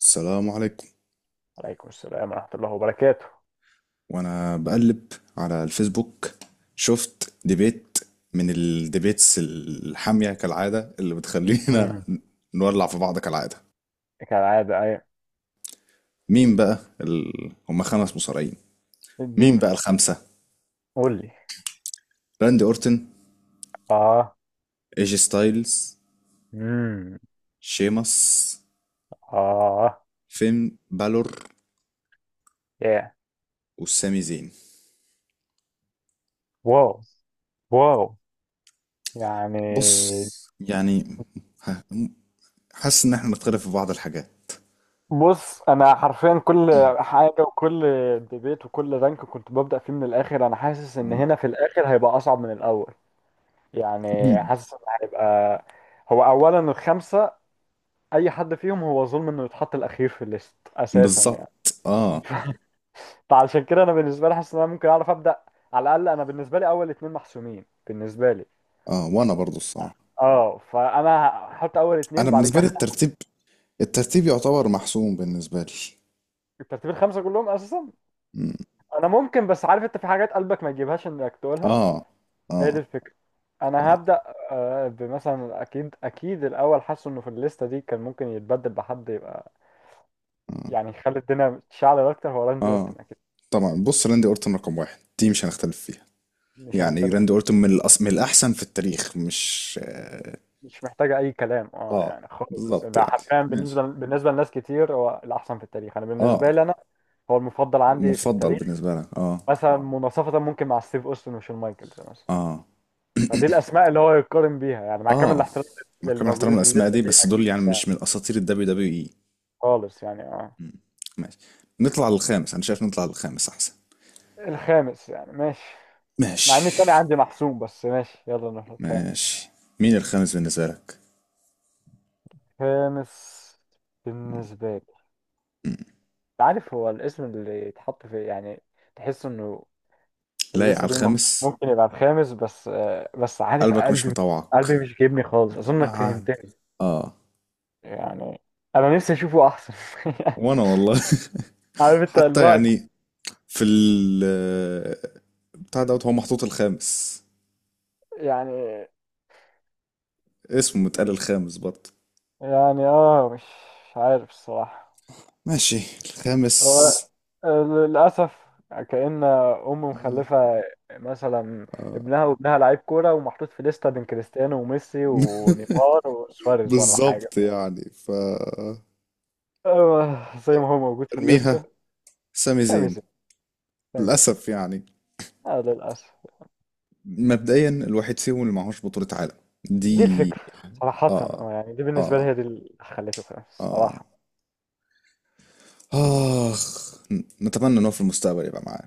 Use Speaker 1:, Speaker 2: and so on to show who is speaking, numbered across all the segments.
Speaker 1: السلام عليكم.
Speaker 2: عليكم السلام ورحمة الله وبركاته.
Speaker 1: وانا بقلب على الفيسبوك شفت ديبيت من الديبيتس الحامية كالعادة اللي بتخلينا
Speaker 2: مم.
Speaker 1: نولع في بعض كالعادة.
Speaker 2: كالعادة أي.
Speaker 1: مين بقى هما خمس مصارعين؟ مين
Speaker 2: اديني.
Speaker 1: بقى الخمسة؟
Speaker 2: قول لي.
Speaker 1: راندي اورتن،
Speaker 2: آه.
Speaker 1: ايجي ستايلز،
Speaker 2: مم.
Speaker 1: شيمس،
Speaker 2: آه.
Speaker 1: فين بالور،
Speaker 2: يا.
Speaker 1: والسامي زين.
Speaker 2: واو، واو، يعني.
Speaker 1: بص، يعني، ح- حاسس ان احنا نختلف في بعض الحاجات.
Speaker 2: بص، أنا حرفيا كل حاجة وكل ديبيت وكل رانك كنت ببدأ فيه من الآخر، أنا حاسس إن
Speaker 1: آه.
Speaker 2: هنا في الآخر هيبقى أصعب من الأول. يعني
Speaker 1: مم.
Speaker 2: حاسس إن هيبقى، هو أولا الخمسة، أي حد فيهم هو ظلم إنه يتحط الأخير في الليست أساسا يعني.
Speaker 1: بالظبط اه.
Speaker 2: فعشان كده انا بالنسبه لي حاسس ان انا ممكن اعرف ابدا، على الاقل انا بالنسبه لي اول اتنين محسومين بالنسبه لي.
Speaker 1: اه وانا برضو الصراحة،
Speaker 2: اه، فانا هحط اول
Speaker 1: انا
Speaker 2: اتنين بعد
Speaker 1: بالنسبه لي
Speaker 2: كده.
Speaker 1: الترتيب، الترتيب يعتبر محسوم بالنسبه لي.
Speaker 2: الترتيب الخمسه كلهم اساسا،
Speaker 1: مم.
Speaker 2: انا ممكن بس عارف انت في حاجات قلبك ما يجيبهاش انك تقولها.
Speaker 1: اه
Speaker 2: هي دي
Speaker 1: اه
Speaker 2: الفكره. انا
Speaker 1: اه
Speaker 2: هبدا. آه، بمثلا اكيد اكيد الاول حاسس انه في الليسته دي كان ممكن يتبدل بحد يبقى
Speaker 1: اه،
Speaker 2: يعني يخلي الدنيا تشعل اكتر هو راندي
Speaker 1: آه.
Speaker 2: اورتن اكيد.
Speaker 1: طبعا، بص، راندي اورتون رقم واحد دي مش هنختلف فيها.
Speaker 2: مش
Speaker 1: يعني
Speaker 2: هنختلف
Speaker 1: راندي
Speaker 2: فيه.
Speaker 1: اورتون من من الاحسن في التاريخ، مش
Speaker 2: مش محتاجه اي كلام اه
Speaker 1: اه
Speaker 2: يعني خالص،
Speaker 1: بالظبط
Speaker 2: ده
Speaker 1: يعني.
Speaker 2: حرفيا بالنسبه
Speaker 1: ماشي
Speaker 2: بالنسبه لناس كتير هو الاحسن في التاريخ، انا بالنسبه
Speaker 1: اه.
Speaker 2: لي انا هو المفضل عندي في
Speaker 1: مفضل
Speaker 2: التاريخ.
Speaker 1: بالنسبه لك اه.
Speaker 2: مثلا مناصفة ممكن مع ستيف أوستن وشون مايكلز مثلا.
Speaker 1: اه
Speaker 2: فدي الأسماء اللي هو يقارن بيها يعني، مع كامل
Speaker 1: اه
Speaker 2: الاحترام
Speaker 1: مع كامل احترام
Speaker 2: للموجودين في
Speaker 1: الاسماء
Speaker 2: الليستة
Speaker 1: دي،
Speaker 2: دي
Speaker 1: بس دول
Speaker 2: أكيد
Speaker 1: يعني
Speaker 2: يعني،
Speaker 1: مش من اساطير الدبليو دبليو اي.
Speaker 2: خالص يعني اه.
Speaker 1: ماشي، نطلع للخامس، انا شايف نطلع للخامس احسن.
Speaker 2: الخامس يعني ماشي، مع إن التاني
Speaker 1: ماشي
Speaker 2: عندي محسوم بس ماشي يلا نروح الخامس.
Speaker 1: ماشي. مين الخامس بالنسبة لك؟
Speaker 2: خامس بالنسبة لي، عارف هو الاسم اللي يتحط في إيه؟ يعني تحس إنه في
Speaker 1: لايق على
Speaker 2: الليستة دي
Speaker 1: الخامس.
Speaker 2: ممكن يبقى الخامس، بس آه، بس عارف
Speaker 1: قلبك مش
Speaker 2: قلبي،
Speaker 1: مطوعك.
Speaker 2: قلبي مش جايبني خالص،
Speaker 1: انا
Speaker 2: أظنك فهمتني.
Speaker 1: عارف. اه
Speaker 2: يعني انا نفسي اشوفه احسن.
Speaker 1: وانا والله
Speaker 2: عارف انت
Speaker 1: حتى
Speaker 2: الوقت.
Speaker 1: يعني في بتاع دوت هو محطوط الخامس،
Speaker 2: يعني
Speaker 1: اسمه متقال الخامس برضه.
Speaker 2: يعني اه، مش عارف الصراحة.
Speaker 1: ماشي، الخامس.
Speaker 2: هو للأسف كأن أم مخلفة مثلا
Speaker 1: آه.
Speaker 2: ابنها، وابنها لعيب كورة ومحطوط في لستة بين كريستيانو وميسي ونيمار وسواريز ولا حاجة.
Speaker 1: بالظبط يعني
Speaker 2: آه، زي ما هو موجود في
Speaker 1: ارميها.
Speaker 2: الليستة.
Speaker 1: سامي
Speaker 2: سامي زي
Speaker 1: زين،
Speaker 2: سامي زي
Speaker 1: للأسف يعني.
Speaker 2: آه للأسف.
Speaker 1: مبدئيا الواحد فيهم اللي معهوش بطولة عالم
Speaker 2: دي
Speaker 1: دي.
Speaker 2: الفكرة صراحة
Speaker 1: اه
Speaker 2: آه، يعني دي بالنسبة لي
Speaker 1: اه
Speaker 2: هي دي اللي خليته خلاص
Speaker 1: اه
Speaker 2: صراحة.
Speaker 1: اخ، نتمنى ان هو في المستقبل يبقى معاه.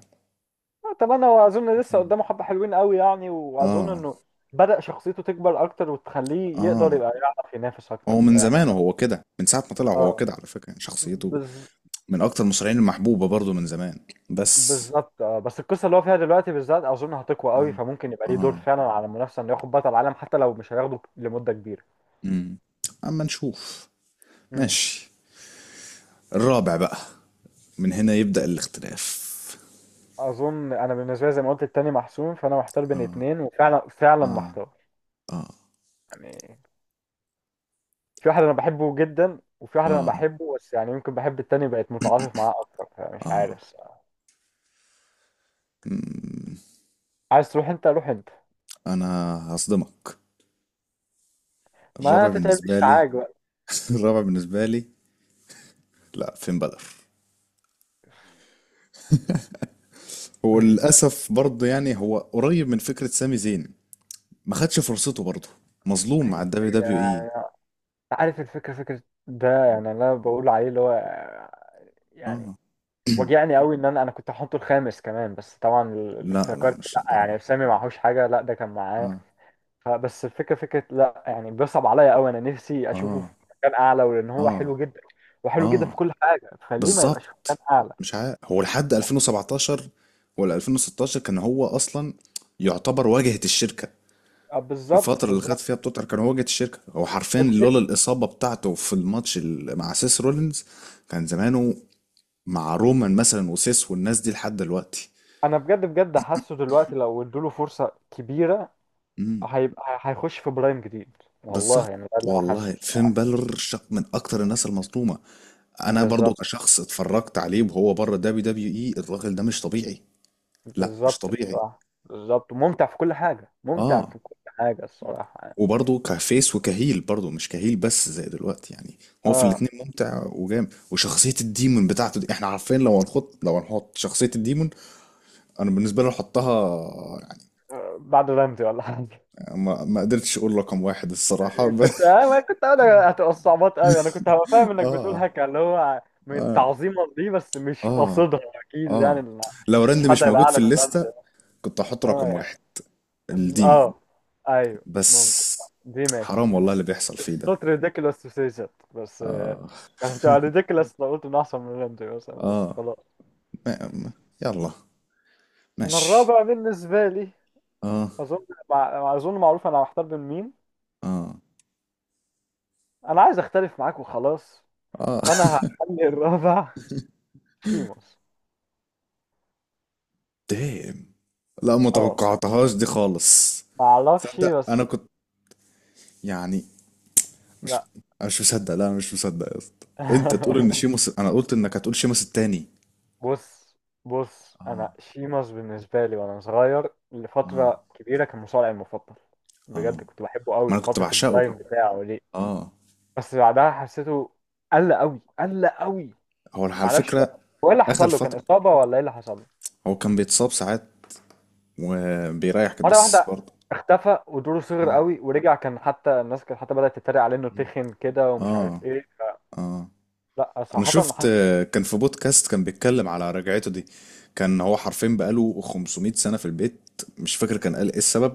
Speaker 2: آه، طبعا هو اظن لسه قدامه حبه حلوين قوي يعني، واظن
Speaker 1: اه
Speaker 2: انه بدأ شخصيته تكبر اكتر وتخليه يقدر
Speaker 1: اه.
Speaker 2: يبقى يعرف ينافس اكتر
Speaker 1: هو من
Speaker 2: فيعني.
Speaker 1: زمان وهو كده، من ساعة ما طلع وهو
Speaker 2: اه،
Speaker 1: كده على فكرة، يعني شخصيته
Speaker 2: بز...
Speaker 1: من اكتر المصارعين المحبوبة برضو من زمان، بس
Speaker 2: بالظبط اه، بس القصه اللي هو فيها دلوقتي بالذات اظن هتقوى
Speaker 1: اه.
Speaker 2: قوي، فممكن يبقى ليه دور
Speaker 1: اه
Speaker 2: فعلا على المنافسه انه ياخد بطل العالم حتى لو مش هياخده لمده كبيره.
Speaker 1: امم. اما نشوف.
Speaker 2: امم.
Speaker 1: ماشي، الرابع بقى، من هنا يبدأ الاختلاف.
Speaker 2: اظن انا بالنسبه لي زي ما قلت التاني محسوم فانا محتار بين اتنين، وفعلا فعلا
Speaker 1: اه
Speaker 2: محتار
Speaker 1: اه
Speaker 2: يعني. في واحد انا بحبه جدا وفي واحد انا
Speaker 1: اه
Speaker 2: بحبه بس يعني يمكن بحب التاني بقيت متعاطف معاه اكتر، فمش
Speaker 1: اه.
Speaker 2: عارف. عايز تروح انت روح انت.
Speaker 1: انا هصدمك.
Speaker 2: ما
Speaker 1: الرابع بالنسبة
Speaker 2: تتعبش
Speaker 1: لي
Speaker 2: عاج بقى.
Speaker 1: الرابع بالنسبة لي، لا فين بدر. وللأسف برضه يعني هو قريب من فكرة سامي زين، ما خدش فرصته برضه، مظلوم
Speaker 2: عايز
Speaker 1: مع الدبليو دبليو اي.
Speaker 2: الفكرة- عارف الفكرة، فكرة ده يعني انا بقول عليه اللي هو يعني
Speaker 1: اه
Speaker 2: وجعني قوي ان انا كنت هحطه الخامس كمان، بس طبعا
Speaker 1: لا لا،
Speaker 2: افتكرت
Speaker 1: مش
Speaker 2: لا
Speaker 1: للدرجة.
Speaker 2: يعني سامي معهوش حاجة لا ده كان معاه.
Speaker 1: اه
Speaker 2: فبس الفكرة فكرة لا يعني بيصعب عليا قوي، انا نفسي اشوفه في
Speaker 1: اه
Speaker 2: مكان اعلى ولان هو
Speaker 1: اه
Speaker 2: حلو جدا وحلو جدا في
Speaker 1: اه
Speaker 2: كل حاجة فليه ما يبقاش في
Speaker 1: بالظبط.
Speaker 2: مكان اعلى.
Speaker 1: مش عارف، هو لحد 2017 ولا 2016 كان هو أصلا يعتبر واجهة الشركة.
Speaker 2: اه
Speaker 1: في
Speaker 2: بالظبط
Speaker 1: الفترة اللي خد
Speaker 2: بالظبط.
Speaker 1: فيها بتوتر كان هو واجهة الشركة، هو حرفيا
Speaker 2: الفكرة
Speaker 1: لولا الإصابة بتاعته في الماتش مع سيس رولينز كان زمانه مع رومان مثلا وسيس والناس دي لحد دلوقتي.
Speaker 2: انا بجد بجد حاسه دلوقتي لو ادوله فرصة كبيرة هيبقى هيخش في برايم جديد. والله
Speaker 1: بالظبط.
Speaker 2: يعني ده اللي انا حاسه
Speaker 1: والله فين
Speaker 2: الصراحة.
Speaker 1: بالور من اكتر الناس المظلومه. انا برضو
Speaker 2: بالظبط
Speaker 1: كشخص اتفرجت عليه وهو بره دبليو دبليو اي، الراجل ده مش طبيعي. لا مش
Speaker 2: بالظبط
Speaker 1: طبيعي.
Speaker 2: الصراحة بالظبط، ممتع في كل حاجة ممتع
Speaker 1: اه
Speaker 2: في كل حاجة الصراحة يعني.
Speaker 1: وبرضه كفيس وكهيل، برضه مش كهيل بس زي دلوقتي يعني، هو في
Speaker 2: اه
Speaker 1: الاتنين ممتع وجامد. وشخصية الديمون بتاعته دي، احنا عارفين لو هنحط، لو هنحط شخصية الديمون انا بالنسبة لي احطها يعني.
Speaker 2: بعد رمزي ولا حاجة.
Speaker 1: ما قدرتش اقول رقم واحد الصراحة
Speaker 2: كنت ما كنت انا هتبقى الصعوبات قوي، انا كنت هبقى فاهم انك بتقول
Speaker 1: اه
Speaker 2: هكا اللي هو من
Speaker 1: اه
Speaker 2: تعظيما دي بس مش
Speaker 1: اه
Speaker 2: قصدها. اكيد يعني.
Speaker 1: اه. لو
Speaker 2: مفيش
Speaker 1: راند
Speaker 2: حد
Speaker 1: مش
Speaker 2: هيبقى
Speaker 1: موجود
Speaker 2: اعلى
Speaker 1: في
Speaker 2: من
Speaker 1: الليستة
Speaker 2: رمزي.
Speaker 1: كنت احط
Speaker 2: اه
Speaker 1: رقم
Speaker 2: يعني
Speaker 1: واحد الديمو.
Speaker 2: اه ايوه ممكن،
Speaker 1: بس
Speaker 2: دي ماشي
Speaker 1: حرام والله اللي بيحصل فيه ده.
Speaker 2: not ridiculous to say that. بس آه،
Speaker 1: اه
Speaker 2: كانت هتبقى ridiculous لو قلت ان احسن من رمزي مثلا بس
Speaker 1: اه
Speaker 2: خلاص.
Speaker 1: ما ما- يلا
Speaker 2: انا
Speaker 1: ماشي.
Speaker 2: الرابع بالنسبه لي
Speaker 1: اه
Speaker 2: اظن معروف انا محتار بين مين.
Speaker 1: اه
Speaker 2: انا عايز اختلف معاك وخلاص.
Speaker 1: اه
Speaker 2: فانا هخلي الرابع شيموس.
Speaker 1: دام. لا ما
Speaker 2: اه
Speaker 1: توقعتهاش دي خالص.
Speaker 2: ما اعرفش
Speaker 1: تصدق انا
Speaker 2: بس.
Speaker 1: كنت يعني مش،
Speaker 2: لا.
Speaker 1: انا مش مصدق، لا انا مش مصدق يا اسطى انت تقول ان شيموس. انا قلت انك هتقول شيموس التاني.
Speaker 2: بص بص
Speaker 1: اه
Speaker 2: انا شيماس بالنسبه لي وانا صغير
Speaker 1: اه
Speaker 2: لفتره كبيره كان مصارعي المفضل.
Speaker 1: اه
Speaker 2: بجد كنت بحبه
Speaker 1: ما
Speaker 2: قوي
Speaker 1: انا كنت
Speaker 2: فتره
Speaker 1: بعشقه.
Speaker 2: البرايم بتاعه دي،
Speaker 1: اه
Speaker 2: بس بعدها حسيته قل قوي قل قوي.
Speaker 1: هو على
Speaker 2: معرفش
Speaker 1: فكرة،
Speaker 2: بقى هو ايه اللي
Speaker 1: اخر
Speaker 2: حصل له، كان
Speaker 1: فترة
Speaker 2: اصابه ولا ايه اللي حصل له؟
Speaker 1: هو كان بيتصاب ساعات وبيريحك،
Speaker 2: مره
Speaker 1: بس
Speaker 2: واحده
Speaker 1: برضه.
Speaker 2: اختفى ودوره صغر قوي، ورجع كان حتى الناس كانت حتى بدات تتريق عليه انه
Speaker 1: مم.
Speaker 2: تخن كده ومش عارف
Speaker 1: اه
Speaker 2: ايه.
Speaker 1: اه.
Speaker 2: لا
Speaker 1: انا
Speaker 2: صراحه
Speaker 1: شفت
Speaker 2: حاسس.
Speaker 1: آه، كان في بودكاست كان بيتكلم على رجعته دي. كان هو حرفيا بقاله 500 سنة في البيت، مش فاكر كان قال ايه السبب،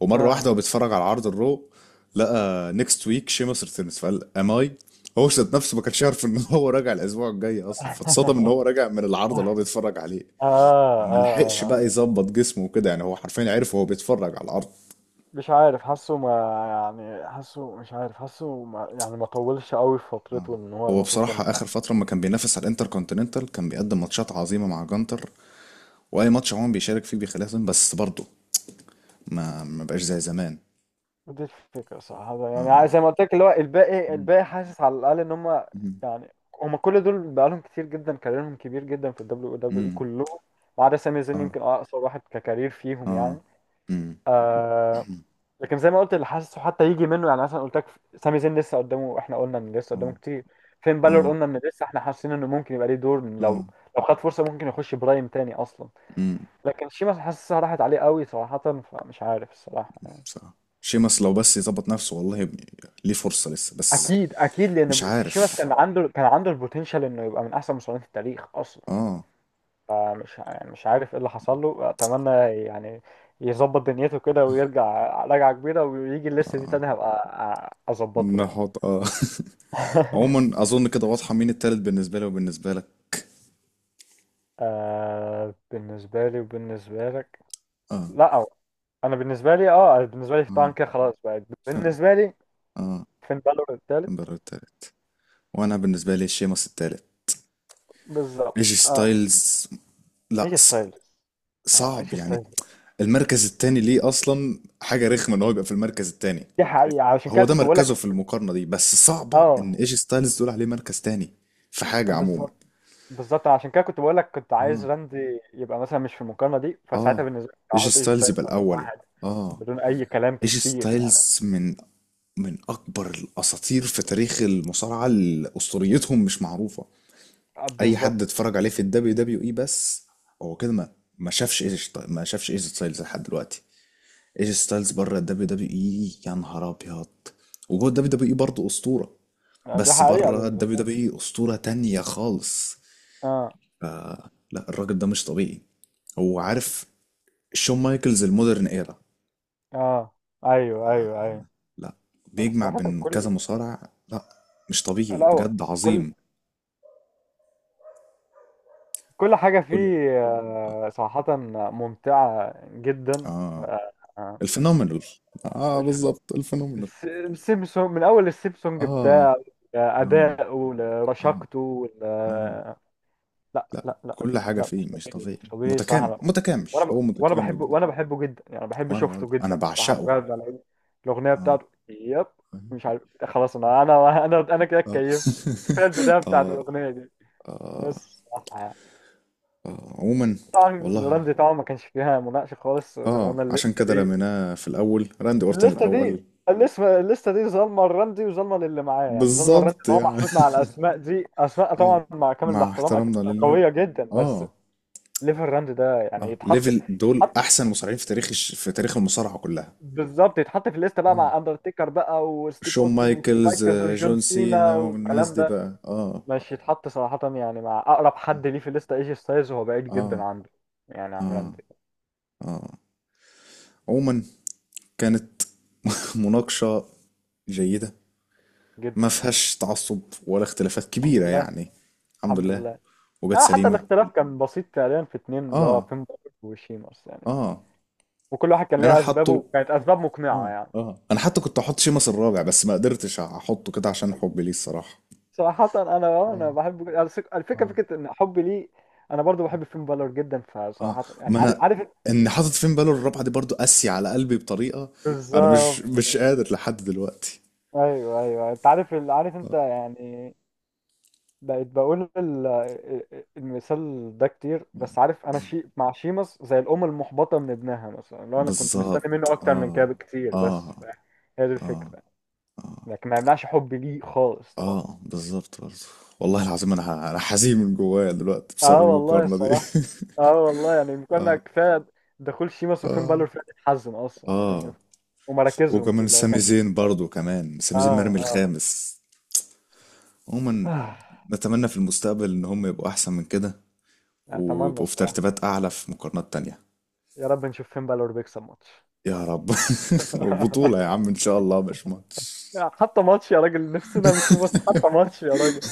Speaker 1: ومرة واحدة
Speaker 2: اه.
Speaker 1: وهو بيتفرج على عرض الرو لقى نيكست ويك شيمس ريتيرنز فقال ام اي. هو ذات نفسه ما كانش يعرف ان هو راجع الاسبوع الجاي اصلا، فاتصدم ان هو راجع من العرض اللي هو
Speaker 2: اه
Speaker 1: بيتفرج عليه.
Speaker 2: اه
Speaker 1: ما لحقش بقى
Speaker 2: اه.
Speaker 1: يظبط جسمه وكده، يعني هو حرفيا عرف وهو بيتفرج على العرض.
Speaker 2: مش عارف حاسه ما يعني، حاسه مش عارف، حاسه ما يعني ما طولش قوي في فترته
Speaker 1: آه.
Speaker 2: ان هو
Speaker 1: هو
Speaker 2: المفروض كان
Speaker 1: بصراحة آخر
Speaker 2: يبقى.
Speaker 1: فترة ما كان بينافس على الانتر كونتيننتال كان بيقدم ماتشات عظيمة مع جانتر، وأي ماتش عموما بيشارك فيه بيخليها تظلم، بس برضه ما بقاش زي زمان.
Speaker 2: دي الفكرة صراحة يعني
Speaker 1: اه
Speaker 2: زي ما قلت لك اللي هو الباقي
Speaker 1: مم.
Speaker 2: الباقي حاسس على الأقل ان هم
Speaker 1: مم.
Speaker 2: يعني، هم كل دول بقالهم كتير جدا كاريرهم كبير جدا في الدبليو دبليو اي
Speaker 1: مم.
Speaker 2: كلهم ما عدا سامي زين
Speaker 1: اه
Speaker 2: يمكن اقصر واحد ككارير فيهم
Speaker 1: اه
Speaker 2: يعني.
Speaker 1: مم.
Speaker 2: آه،
Speaker 1: مم.
Speaker 2: لكن زي ما قلت اللي حاسه حتى يجي منه يعني، مثلا قلت لك سامي زين لسه قدامه، احنا قلنا ان لسه قدامه
Speaker 1: اه
Speaker 2: كتير. فين بالور
Speaker 1: اه
Speaker 2: قلنا ان لسه احنا حاسين انه ممكن يبقى ليه دور لو
Speaker 1: اه
Speaker 2: لو خد فرصه ممكن يخش برايم تاني اصلا.
Speaker 1: مم.
Speaker 2: لكن شيماس حاسسها راحت عليه قوي صراحه، فمش عارف الصراحه.
Speaker 1: صح. شيمس لو بس يظبط نفسه، والله يا ابني، ليه فرصة لسه بس.
Speaker 2: اكيد اكيد
Speaker 1: مش
Speaker 2: لان شيماس
Speaker 1: عارف.
Speaker 2: كان عنده البوتنشال انه يبقى من احسن مصارعين في التاريخ اصلا.
Speaker 1: اه
Speaker 2: فمش يعني مش عارف ايه اللي حصل له، اتمنى يعني يظبط دنيته كده ويرجع رجعه كبيره ويجي الليسته دي
Speaker 1: اه.
Speaker 2: تاني هبقى اظبطه يعني.
Speaker 1: نحط اه عموما أظن كده واضحة مين التالت بالنسبة لي وبالنسبة لك.
Speaker 2: آه بالنسبة لي وبالنسبة لك.
Speaker 1: اه
Speaker 2: لا أو. أنا بالنسبة لي اه بالنسبة لي طبعا
Speaker 1: اه
Speaker 2: كده خلاص بقى
Speaker 1: ف-
Speaker 2: بالنسبة لي
Speaker 1: اه
Speaker 2: فين بالور التالت.
Speaker 1: كامبر التالت. وانا بالنسبه لي شيمس التالت.
Speaker 2: بالظبط
Speaker 1: ايجي
Speaker 2: اه.
Speaker 1: ستايلز، لا
Speaker 2: هي ستايلز. اه
Speaker 1: صعب
Speaker 2: ايش
Speaker 1: يعني.
Speaker 2: ستايلز.
Speaker 1: المركز التاني ليه اصلا حاجه رخمه ان هو يبقى في المركز التاني.
Speaker 2: دي حقيقة عشان كده
Speaker 1: هو ده
Speaker 2: كنت بقول
Speaker 1: مركزه
Speaker 2: لك.
Speaker 1: في المقارنه دي، بس صعبه ان
Speaker 2: اه
Speaker 1: ايجي ستايلز تقول عليه مركز تاني في حاجه عموما.
Speaker 2: بالظبط بالظبط عشان كده كنت بقول لك كنت
Speaker 1: اه
Speaker 2: عايز راندي يبقى مثلا مش في المقارنة دي، فساعتها
Speaker 1: اه.
Speaker 2: بالنسبة لي
Speaker 1: ايجي
Speaker 2: هحط ايش
Speaker 1: ستايلز
Speaker 2: ستايلز
Speaker 1: يبقى
Speaker 2: رقم
Speaker 1: الاول.
Speaker 2: واحد.
Speaker 1: اه.
Speaker 2: بدون أي كلام
Speaker 1: ايجي
Speaker 2: كتير يعني.
Speaker 1: ستايلز من، من اكبر الاساطير في تاريخ المصارعه اللي اسطوريتهم مش معروفه.
Speaker 2: آه
Speaker 1: اي
Speaker 2: بالظبط
Speaker 1: حد اتفرج عليه في الدبليو دبليو اي بس، هو كده ما، ما شافش ايجي ما شافش ايجي ستايلز لحد دلوقتي. ايجي ستايلز بره الدبليو دبليو اي يا نهار ابيض. وجوه الدبليو دبليو اي برضه اسطوره،
Speaker 2: آه، دي
Speaker 1: بس
Speaker 2: حقيقة
Speaker 1: بره الدبليو
Speaker 2: بالنسبة لي.
Speaker 1: دبليو اي اسطوره تانية خالص.
Speaker 2: اه
Speaker 1: ف- لا، الراجل ده مش طبيعي. هو عارف، شون مايكلز المودرن ايرا،
Speaker 2: اه ايوه ايوه ايوه.
Speaker 1: لا، بيجمع
Speaker 2: صراحة
Speaker 1: بين كذا مصارع. لا مش طبيعي،
Speaker 2: الأول
Speaker 1: بجد
Speaker 2: كل
Speaker 1: عظيم.
Speaker 2: كل حاجة
Speaker 1: كل
Speaker 2: فيه
Speaker 1: اه
Speaker 2: آه، صراحة ممتعة جدا. ف-
Speaker 1: آه.
Speaker 2: آه،
Speaker 1: الفينومينال. اه
Speaker 2: الفيلم-
Speaker 1: بالظبط، الفينومينال.
Speaker 2: السيمسونج من أول السيمسونج
Speaker 1: اه
Speaker 2: بتاعه،
Speaker 1: آه
Speaker 2: أداؤه
Speaker 1: آه
Speaker 2: لرشاقته
Speaker 1: آه.
Speaker 2: لا
Speaker 1: لأ
Speaker 2: لا لا،
Speaker 1: كل حاجة
Speaker 2: لا
Speaker 1: فيه
Speaker 2: مش
Speaker 1: مش
Speaker 2: طبيعي
Speaker 1: طبيعي.
Speaker 2: مش طبيعي
Speaker 1: متكامل،
Speaker 2: صراحة.
Speaker 1: متكامل،
Speaker 2: وأنا ب-
Speaker 1: هو
Speaker 2: وأنا
Speaker 1: متكامل.
Speaker 2: بحبه وأنا بحبه جدا يعني بحب
Speaker 1: وأنا
Speaker 2: شفته
Speaker 1: برضه أنا
Speaker 2: جدا الصراحة،
Speaker 1: بعشقه.
Speaker 2: مجرد ما لقيت الأغنية
Speaker 1: آه.
Speaker 2: بتاعته
Speaker 1: فاهم؟
Speaker 2: مش عارف خلاص، أنا كده
Speaker 1: آه
Speaker 2: اتكيفت. كفاية البداية بتاعت
Speaker 1: آه
Speaker 2: الأغنية دي
Speaker 1: آه
Speaker 2: بس.
Speaker 1: آه. عموما
Speaker 2: طبعا
Speaker 1: والله
Speaker 2: رمزي طبعا ما كانش فيها مناقشة خالص زي ما
Speaker 1: آه،
Speaker 2: قلنا
Speaker 1: عشان
Speaker 2: الليستة
Speaker 1: كده
Speaker 2: دي.
Speaker 1: رميناه في الأول، راندي أورتن
Speaker 2: الليستة ما- دي
Speaker 1: الأول.
Speaker 2: الليستة دي ظالمة الرمزي وظالمة للي معاه يعني، ظالمة الرمزي ان
Speaker 1: بالظبط
Speaker 2: هو
Speaker 1: يعني
Speaker 2: محطوط مع الاسماء دي، اسماء
Speaker 1: آه،
Speaker 2: طبعا مع كامل
Speaker 1: مع
Speaker 2: الاحترام اكيد
Speaker 1: احترامنا لليوم.
Speaker 2: قوية جدا، بس
Speaker 1: آه
Speaker 2: ليفل الرمزي ده يعني
Speaker 1: آه،
Speaker 2: يتحط
Speaker 1: ليفل دول
Speaker 2: يتحط
Speaker 1: أحسن مصارعين في تاريخ في تاريخ المصارعة كلها.
Speaker 2: بالظبط، يتحط في الليستة بقى
Speaker 1: آه
Speaker 2: مع اندرتيكر بقى وستيف
Speaker 1: شون
Speaker 2: اوستن
Speaker 1: مايكلز
Speaker 2: ومايكلز
Speaker 1: آه،
Speaker 2: وجون
Speaker 1: جون
Speaker 2: سينا
Speaker 1: سينا والناس
Speaker 2: والكلام
Speaker 1: دي
Speaker 2: ده.
Speaker 1: بقى اه.
Speaker 2: مش يتحط صراحة يعني مع اقرب حد ليه في الليستة ايجي ستايلز وهو بعيد جدا
Speaker 1: آه
Speaker 2: عنده، يعني عن
Speaker 1: آه
Speaker 2: رمزي
Speaker 1: آه. عموما كانت مناقشة جيدة،
Speaker 2: جدا.
Speaker 1: ما فيهاش تعصب ولا اختلافات
Speaker 2: الحمد
Speaker 1: كبيرة
Speaker 2: لله.
Speaker 1: يعني. الحمد
Speaker 2: الحمد
Speaker 1: لله.
Speaker 2: لله.
Speaker 1: وجت
Speaker 2: اه حتى
Speaker 1: سليمة.
Speaker 2: الاختلاف كان بسيط فعليا في اتنين اللي هو
Speaker 1: آه
Speaker 2: فين، وشيما اصلا يعني،
Speaker 1: آه.
Speaker 2: وكل واحد كان
Speaker 1: أنا
Speaker 2: ليه اسبابه
Speaker 1: حاطه
Speaker 2: وكانت اسباب مقنعه
Speaker 1: آه
Speaker 2: يعني.
Speaker 1: آه، أنا حتى كنت أحط شيمس الرابع بس ما قدرتش أحطه كده عشان حبي ليه الصراحة.
Speaker 2: صراحة أنا آه،
Speaker 1: آه
Speaker 2: أنا بحب الفكرة،
Speaker 1: آه
Speaker 2: فكرة إن حبي ليه، أنا برضو بحب فين بالور جدا،
Speaker 1: آه
Speaker 2: فصراحة يعني
Speaker 1: ما
Speaker 2: عارف
Speaker 1: أنا،
Speaker 2: عارف.
Speaker 1: إن حاطط فين باله الرابعة دي برضو قاسية على قلبي بطريقة، أنا مش،
Speaker 2: بالظبط
Speaker 1: مش قادر لحد دلوقتي.
Speaker 2: أيوه أيوه، أنت عارف عارف أنت يعني، بقيت بقول المثال ده كتير، بس عارف أنا مع شيمس زي الأم المحبطة من ابنها مثلا، لو أنا كنت مستني منه
Speaker 1: بالظبط
Speaker 2: أكتر من كده
Speaker 1: آه
Speaker 2: بكتير بس
Speaker 1: آه
Speaker 2: هي دي
Speaker 1: آه.
Speaker 2: الفكرة، لكن ما يمنعش حبي ليه خالص طبعا.
Speaker 1: اه بالظبط برضه. والله العظيم انا حزين من جوايا دلوقتي
Speaker 2: اه
Speaker 1: بسبب
Speaker 2: اه والله
Speaker 1: المقارنه دي
Speaker 2: الصراحة. اه والله يعني كنا كفاية، دخول شيماس وفين بالور فيها تتحزن اصلا يعني
Speaker 1: اه.
Speaker 2: ومراكزهم دي
Speaker 1: وكمان
Speaker 2: اللي هو
Speaker 1: سامي
Speaker 2: كان.
Speaker 1: زين برضه، كمان
Speaker 2: اه
Speaker 1: سامي زين مرمي
Speaker 2: اه.
Speaker 1: الخامس. عموما،
Speaker 2: آه،
Speaker 1: نتمنى في المستقبل ان هم يبقوا احسن من كده،
Speaker 2: اتمنى
Speaker 1: ويبقوا في
Speaker 2: الصراحة،
Speaker 1: ترتيبات اعلى في مقارنات تانية.
Speaker 2: يا رب نشوف فين بالور بيكسب ماتش.
Speaker 1: يا رب. وبطولة يا عم ان شاء الله، مش ماتش.
Speaker 2: حتى ماتش يا راجل نفسنا نشوف، بس حتى ماتش يا راجل.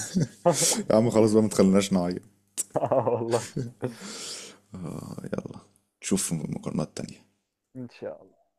Speaker 1: يا عم خلاص بقى، ما تخليناش نعيط.
Speaker 2: اه والله
Speaker 1: آه، يلا، نشوف مقارنات تانية.
Speaker 2: ان شاء الله.